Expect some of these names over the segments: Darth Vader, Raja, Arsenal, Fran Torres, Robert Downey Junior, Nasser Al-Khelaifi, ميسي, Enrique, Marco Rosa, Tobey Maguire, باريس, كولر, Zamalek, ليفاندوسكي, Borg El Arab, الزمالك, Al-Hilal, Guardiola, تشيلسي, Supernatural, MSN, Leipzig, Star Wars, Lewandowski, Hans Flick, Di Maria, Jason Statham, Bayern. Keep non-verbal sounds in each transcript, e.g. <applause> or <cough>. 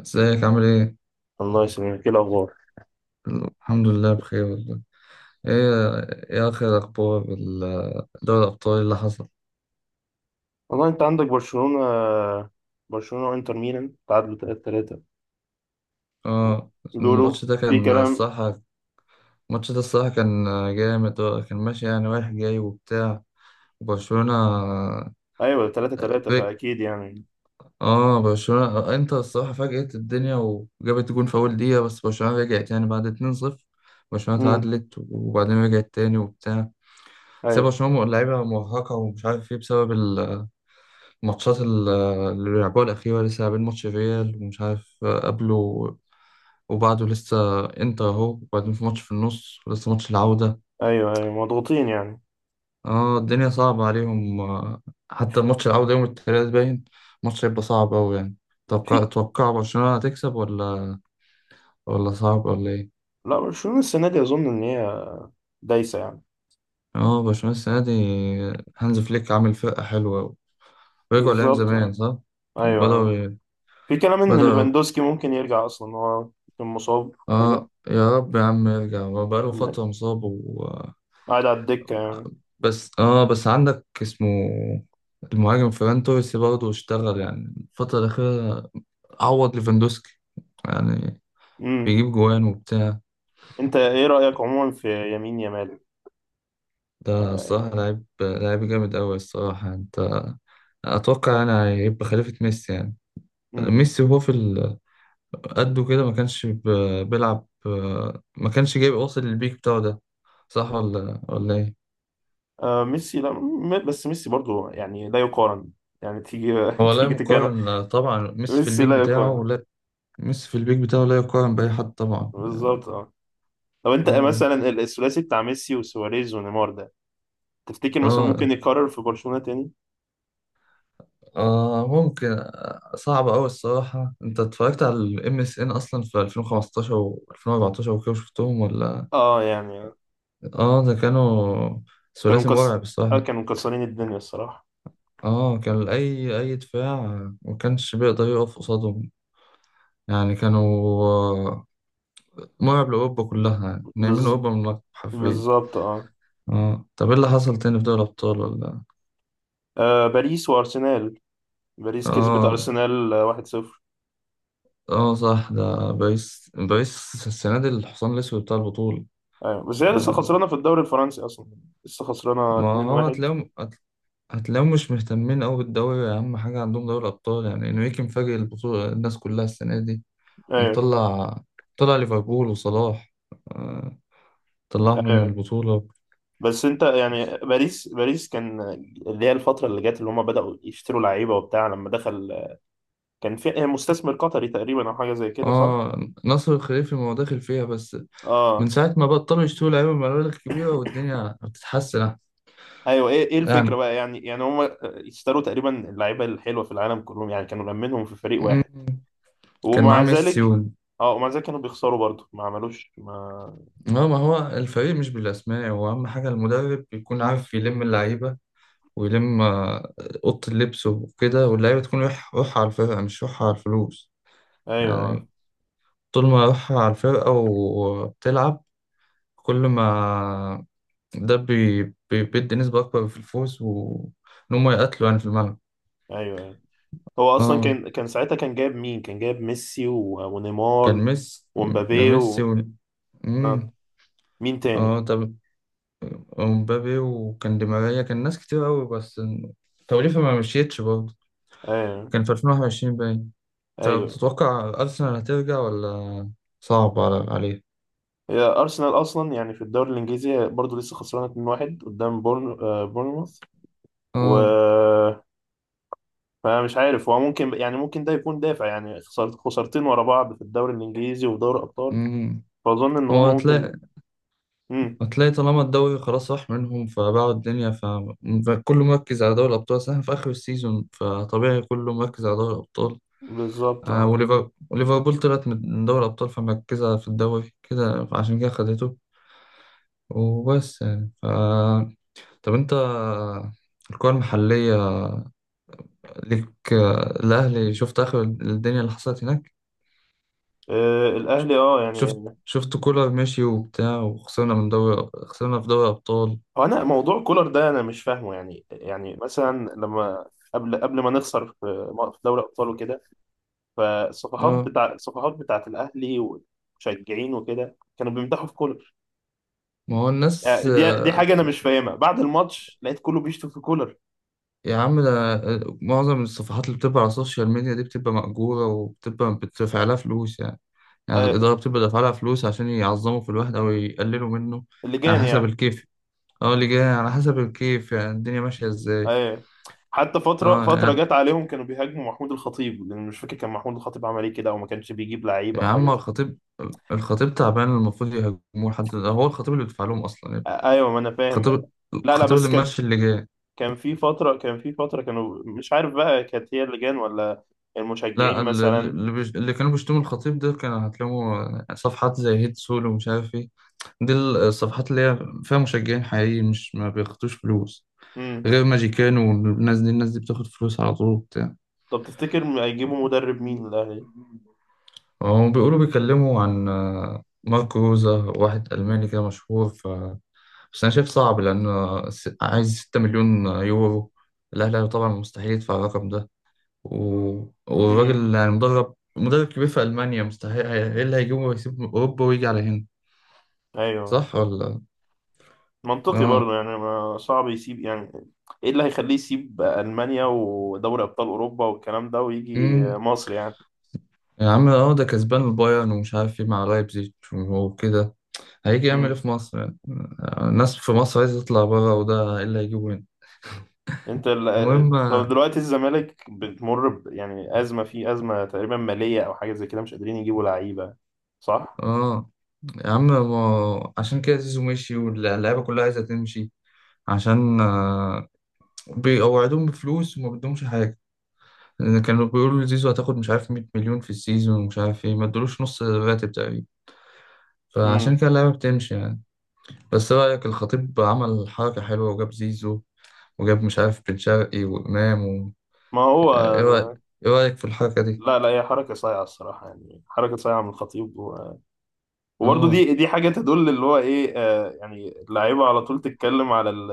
ازيك عامل ايه؟ الله يسلمك، ايه الاخبار؟ الحمد لله بخير والله. ايه؟ ايه اخر اخبار دوري الابطال اللي حصل؟ والله انت عندك برشلونة. برشلونة وانتر ميلان تعادلوا 3-3. اه. بيقولوا الماتش ده في كان كلام. الصراحة الماتش ده الصراحة كان جامد، كان ماشي يعني رايح جاي وبتاع، وبرشلونة. ايوه 3-3، فاكيد يعني. اه، برشلونة انتر الصراحة فاجئت الدنيا وجابت جون في أول دقيقة، بس برشلونة رجعت يعني بعد 2-0، برشلونة امم. تعادلت وبعدين رجعت تاني وبتاع. بس هي ايوه، برشلونة لعيبة مرهقة ومش عارف ايه، بسبب ماتشات اللي بيلعبوها الأخيرة، لسه لاعبين ماتش ريال ومش عارف قبله وبعده، لسه إنتر أهو، وبعدين في ماتش في النص ولسه ماتش العودة. ايوه، ايوه، مضغوطين يعني. اه، الدنيا صعبة عليهم. حتى ماتش العودة يوم التلات باين ماتش هيبقى صعب أوي يعني. توقع في توقع برشلونة هتكسب ولا صعب ولا إيه؟ لا، برشلونة السنة دي اظن ان هي دايسة يعني. اه، برشلونة السنة دي هانز فليك عامل فرقة حلوة أوي، رجعوا لأيام بالظبط زمان آه. صح؟ ايوه آه. بدأوا في كلام ان بدأوا. ليفاندوسكي ممكن يرجع، اصلا هو كان مصاب كده. اه يا رب يا عم يرجع، هو بقاله فترة مصاب و... قاعد على الدكة يعني. بس عندك اسمه المهاجم فران توريس، برضه اشتغل يعني الفترة الأخيرة عوض ليفاندوسكي، يعني امم. بيجيب جوان وبتاع. انت ايه رأيك عموما في يمين يامال؟ ده الصراحة لعيب لعيب جامد أوي الصراحة أنت، أتوقع يعني هيبقى خليفة ميسي يعني. آه. ميسي، وهو في قده كده ما كانش بيلعب، ما كانش جايب واصل للبيك بتاعه ده، صح ولا إيه؟ آه، ميسي لا، بس ميسي برضو يعني لا يقارن. يعني تيجي <laughs> هو لا تيجي تتكلم. يقارن طبعا، ميسي في ميسي البيك لا بتاعه يقارن. لا، ميسي في البيك بتاعه لا يقارن بأي حد طبعا. بالظبط اه. لو انت اه مثلا الثلاثي بتاع ميسي وسواريز ونيمار ده، تفتكر مثلا اه ممكن يكرر في برشلونة تاني؟ اه ممكن، صعب أوي الصراحة، أنت اتفرجت على ال MSN أصلا في 2015 و 2014 وكده شفتهم ولا؟ اه يعني. اه، ده كانوا كانوا ثلاثي مكس... مرعب آه، الصراحة. كانوا مكسرين الدنيا الصراحة. اه، كان أي دفاع ما كانش بيقدر يقف قصادهم، يعني كانوا، مرعب لأوروبا كلها يعني، نايمين بز... أوروبا من المكتب حرفيا. بالظبط اه. اه طب، ايه اللي حصل تاني في دوري الأبطال ولا؟ آه، باريس وارسنال. باريس كسبت اه ارسنال آه، 1-0. اه صح، ده باريس، باريس السنة دي الحصان الأسود بتاع البطولة. ايوه، بس هي لسه آه، خسرانه في الدوري الفرنسي اصلا. لسه خسرانه ما هو 2-1. هتلاقيهم هتلاقيهم مش مهتمين أوي بالدوري، أهم حاجة عندهم دوري الأبطال، يعني إنريكي مفاجئ البطولة الناس كلها السنة دي، ايوه، ومطلع طلع ليفربول وصلاح، آه، طلعهم من ايوه. البطولة. بس انت يعني باريس كان اللي هي الفتره اللي جت، اللي هم بداوا يشتروا لعيبه وبتاع لما دخل. كان في إيه، مستثمر قطري تقريبا او حاجه زي كده، صح؟ اه، نصر الخليفي، ما هو داخل فيها بس من اه. ساعة ما بطلوا يشتروا لعيبة مبالغ كبيرة والدنيا بتتحسن أحسن. ايوه، ايه الفكره يعني بقى يعني هم اشتروا تقريبا اللعيبه الحلوه في العالم كلهم، يعني كانوا لمنهم في فريق مم، واحد. كان معاه ومع ميسي. ذلك. اه، ومع ذلك كانوا بيخسروا برضه، ما عملوش ما. اه، ما هو الفريق مش بالأسماء، هو أهم حاجة المدرب يكون عارف يلم اللعيبة ويلم أوضة اللبس وكده، واللعيبة تكون روح روحها على الفرقة مش روحها على الفلوس، ايوه، يعني طول ما روحها على الفرقة وبتلعب كل ما ده بيدي نسبة أكبر في الفوز، وإن هما يقاتلوا يعني في الملعب. ايوه، أيوة. هو اصلا اه، كان ساعتها كان جايب مين، كان جايب ميسي كان ونيمار ميسي، ده ومبابي ميسي و... آه. مم. مين تاني؟ اه طب، ومبابي، وكان دي ماريا، كان ناس كتير أوي بس توليفة ما مشيتش برضه، آه. كان في 2021 باين. طب ايوه. تتوقع أرسنال هترجع ولا صعب عليه؟ هي ارسنال اصلا يعني في الدوري الانجليزي برضه لسه خسرانه 2-1 قدام بورنموث، و اه. فمش عارف هو ممكن، يعني ممكن ده يكون دافع، يعني خسرت خسارتين ورا بعض في الدوري الانجليزي وفي دوري الابطال. امم فاظن ان هو هما ممكن. هتلاقي، امم. طالما الدوري خلاص راح منهم فباعوا الدنيا ف... فكله مركز على دوري الأبطال، أصل إحنا في آخر السيزون فطبيعي كله مركز على دوري الأبطال. بالظبط اه. وليفربول طلعت من دوري الأبطال، فمركزة في الدوري كده، عشان كده خدته وبس يعني ف... طب أنت الكرة المحلية ليك، الأهلي، شفت آخر الدنيا اللي حصلت هناك؟ آه، الاهلي اه يعني. شفت شفت كولر ماشي وبتاع، وخسرنا من دوري خسرنا في دوري أبطال. هو انا موضوع كولر ده انا مش فاهمه، يعني مثلا لما قبل ما نخسر في، في دوري ابطال وكده، فالصفحات اه بتاع، الصفحات بتاعت الاهلي ومشجعين وكده كانوا بيمدحوا في كولر. ما هو الناس، آه. دي حاجه انا مش فاهمها، بعد الماتش لقيت كله بيشتم في كولر. يا عم ده معظم الصفحات اللي بتبقى على السوشيال ميديا دي بتبقى مأجورة، وبتبقى بتدفع لها فلوس يعني، يعني آه. الإدارة بتبقى دافعة لها فلوس عشان يعظموا في الواحد أو يقللوا منه على اللجان حسب يعني. الكيف. اه، اللي جاي على حسب الكيف، يعني الدنيا ماشية ازاي. آه. حتى فتره اه فتره يعني، جت عليهم كانوا بيهاجموا محمود الخطيب، لان مش فاكر كان محمود الخطيب عمل ايه كده، او ما كانش بيجيب لعيبه يا او حاجه عم زي. الخطيب تعبان، المفروض يهاجموه حد؟ هو الخطيب اللي بيدفع لهم أصلا يعني. آه. ايوه، ما انا فاهم بقى. الخطيب لا، لا، الخطيب بس اللي كانت، ماشي اللي جاي. كان في فترة كانوا مش عارف بقى، كانت هي اللجان ولا لا، المشجعين مثلا. اللي كانوا بيشتموا الخطيب ده، كانوا هتلاقوا صفحات زي هيد سول ومش عارف ايه، دي الصفحات اللي هي فيها مشجعين حقيقيين، مش ما بياخدوش فلوس، امم. غير ماجيكان، والناس دي الناس دي بتاخد فلوس على طول وبتاع. طب تفتكر هيجيبوا مدرب مين للأهلي؟ هم بيقولوا بيكلموا عن، ماركو روزا، واحد ألماني كده مشهور ف... بس أنا شايف صعب، لأن عايز 6 مليون يورو، الأهلي طبعا مستحيل يدفع الرقم ده، و... امم. والراجل يعني، مدرب كبير في ألمانيا، مستحيل، ايه اللي هيجيبه ويسيب من أوروبا ويجي على هنا، ايوه. صح ولا؟ منطقي برضه اه. يعني، ما صعب يسيب يعني. ايه اللي هيخليه يسيب ألمانيا ودوري أبطال أوروبا والكلام ده ويجي امم مصر يعني. يا عم ده كسبان البايرن ومش عارف ايه مع لايبزيج وكده، هيجي يعمل ايه امم. في مصر يعني، الناس في مصر عايزة تطلع بره، وده ايه اللي هيجيبه هنا؟ انت طب المهم، دلوقتي الزمالك بتمر يعني أزمة، فيه أزمة تقريبا مالية أو حاجة زي كده، مش قادرين يجيبوا لعيبة، صح؟ اه يا عم، ما عشان كده زيزو مشي واللعيبة كلها عايزة تمشي، عشان بيقوعدوهم بفلوس وما بدهمش حاجة، كانوا بيقولوا زيزو هتاخد مش عارف 100 مليون في السيزون ومش عارف ايه، ما ادولوش نص راتب تقريبا، فعشان امم. كده اللعيبه بتمشي يعني. بس ايه رأيك، الخطيب عمل حركه حلوه وجاب زيزو، وجاب مش عارف بن شرقي وامام و... ما هو. ايه رأيك ايه رأيك في الحركه دي؟ لا، لا، هي حركة صايعة الصراحة، يعني حركة صايعة من الخطيب. و... وبرضه اه دي حاجة تدل، اللي هو إيه آه، يعني اللعيبة على طول تتكلم على ال...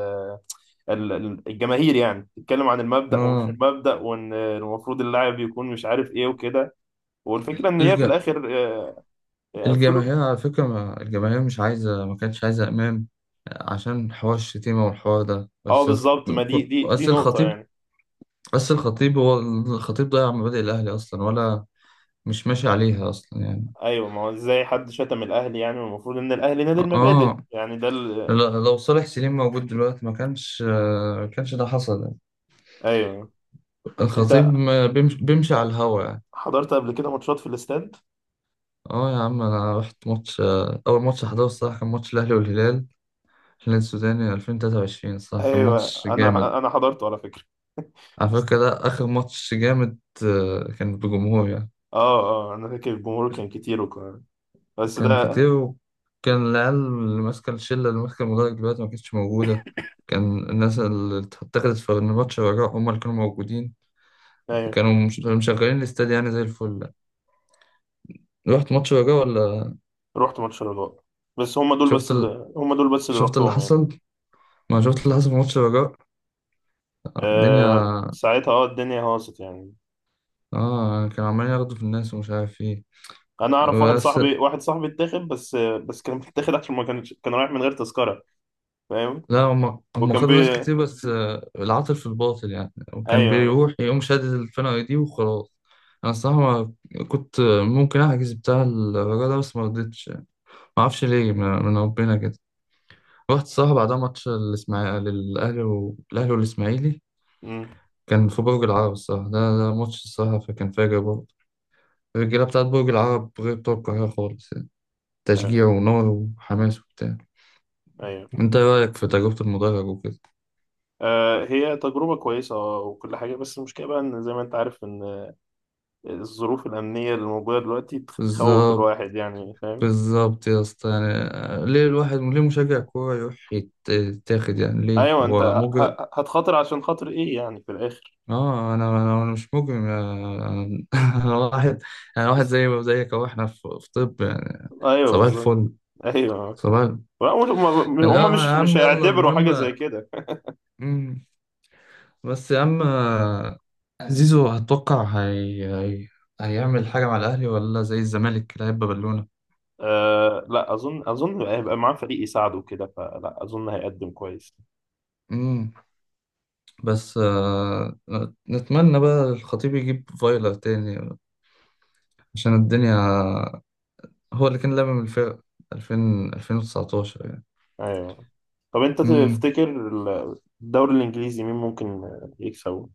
ال- ال- الجماهير يعني، تتكلم عن المبدأ ومش اه المبدأ، وإن المفروض اللاعب يكون مش عارف إيه وكده، والفكرة إن هي الج... في الآخر آه، فلوس. الجماهير على فكره ما... الجماهير مش عايزه، ما كانتش عايزه امام عشان حوار الشتيمه والحوار ده، أه بس بالظبط، ما دي، ك- دي بس نقطة الخطيب يعني. الخطيب ضيع مبادئ الاهلي اصلا، ولا مش ماشي عليها اصلا يعني. أيوه، ما هو إزاي حد شتم الأهلي؟ يعني المفروض إن الأهلي نادي المبادئ، اه، يعني ده ال. لو صالح سليم موجود دلوقتي ما كانش، كانش ده حصل يعني. أيوه. الخطيب أنت ما بيمشي, بيمشي على الهوا يعني. حضرت قبل كده ماتشات في الاستاد؟ اه يا عم، انا رحت ماتش، اول ماتش حضره الصراحه كان ماتش الاهلي والهلال، الهلال السوداني 2023، الصراحه كان ايوه، ماتش جامد، انا حضرته على فكره على <laughs> فكره ده اخر ماتش جامد، كان بجمهور يعني. اه، اه، انا فاكر الجمهور كان كتير وكان، بس كان ده، كتير وكان العيال اللي ماسكه الشله اللي ماسكه المدرج دلوقتي ما كانتش موجوده، كان الناس اللي اتخذت في الماتش الرجاء هم اللي كانوا موجودين، ايوه. كانوا مشغلين الاستاد يعني زي الفل. رحت ماتش الرجاء ولا؟ رحت ماتش الرجاء. بس هم دول، شفت ال... بس اللي شفت اللي رحتهم يعني. حصل، ما شفت اللي حصل في ماتش الرجاء؟ آه الدنيا، ساعتها، الدنيا هاصت يعني. اه كانوا عمالين ياخدوا في الناس ومش عارف ايه. انا اعرف واحد بس صاحبي، واحد صاحبي اتاخد، بس كان <laughs> متاخد عشان ما كانش، كان رايح من غير تذكره، فاهم. لا، هم وكان خدوا ناس بي كتير، بس العاطل في الباطل يعني، وكان ايوه. بيروح يقوم شادد الفرقة دي وخلاص. انا الصراحة ما كنت، ممكن احجز بتاع الرجاء ده بس ما رضيتش يعني، ما اعرفش ليه، من ربنا كده. رحت الصراحة بعدها ماتش الاسماعيلي، والاهلي والاسماعيلي، امم. كان في برج العرب الصراحة، ده ماتش الصراحة فكان فاجر برضه، الرجالة بتاعت برج العرب غير بتوع القاهرة خالص يعني، ايوه، تشجيع ونار وحماس وبتاع. أيوة. انت ايه رأيك في تجربة المدرج وكده؟ آه، هي تجربه كويسه آه، وكل حاجه، بس المشكله بقى ان زي ما انت عارف ان الظروف الأمنية اللي موجودة دلوقتي تخوف بالظبط الواحد يعني، فاهم. بالظبط يا اسطى، يعني ليه مشجع كورة يروح يتاخد يعني؟ ليه أيوة أنت هو مجرم؟ هتخاطر عشان خاطر إيه يعني في الآخر؟ اه، انا أنا مش مجرم يا، انا <laughs> أنا واحد، انا واحد زي زيك اهو، احنا في طب يعني، أيوة صباح بالظبط. الفل، أيوة. صباح. لا، هم هم يا مش عم يلا هيعتبروا المهم، حاجة زي كده. بس يا عم زيزو هتوقع، هيعمل حاجة مع الأهلي ولا زي الزمالك كده هيبقى بالونة؟ أه لا، أظن هيبقى معاه فريق يساعده كده، فلا أظن هيقدم كويس. امم بس، نتمنى بقى الخطيب يجيب فايلر تاني عشان الدنيا، هو اللي كان لامم الفرق 2000، 2019 يعني. أيوة. طب أنت امم تفتكر الدوري الإنجليزي مين ممكن يكسبه؟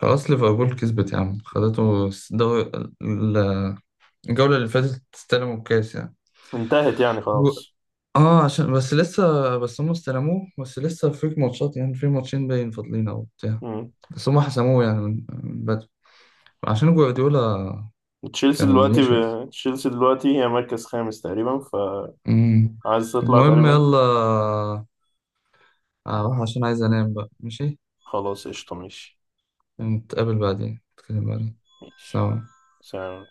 خلاص ليفربول كسبت يا عم، خدته الدوري، ال- الجولة اللي فاتت استلموا الكاس يعني. انتهت يعني هو- خلاص. اه، عشان بس لسه، بس هم استلموه، بس لسه فيك ماتشات يعني، في ماتشين باين فاضلين او بتاع، مم. بس هم حسموه يعني من بدري عشان جوارديولا كان مشي. تشيلسي دلوقتي هي مركز خامس تقريبا، امم فعايز تطلع المهم تقريبا. يلا، اروح عشان عايز انام بقى، ماشي. خلاص قشطة ماشي. نتقابل بعدين، نتكلم بعدين. ماشي. سلام. سلام.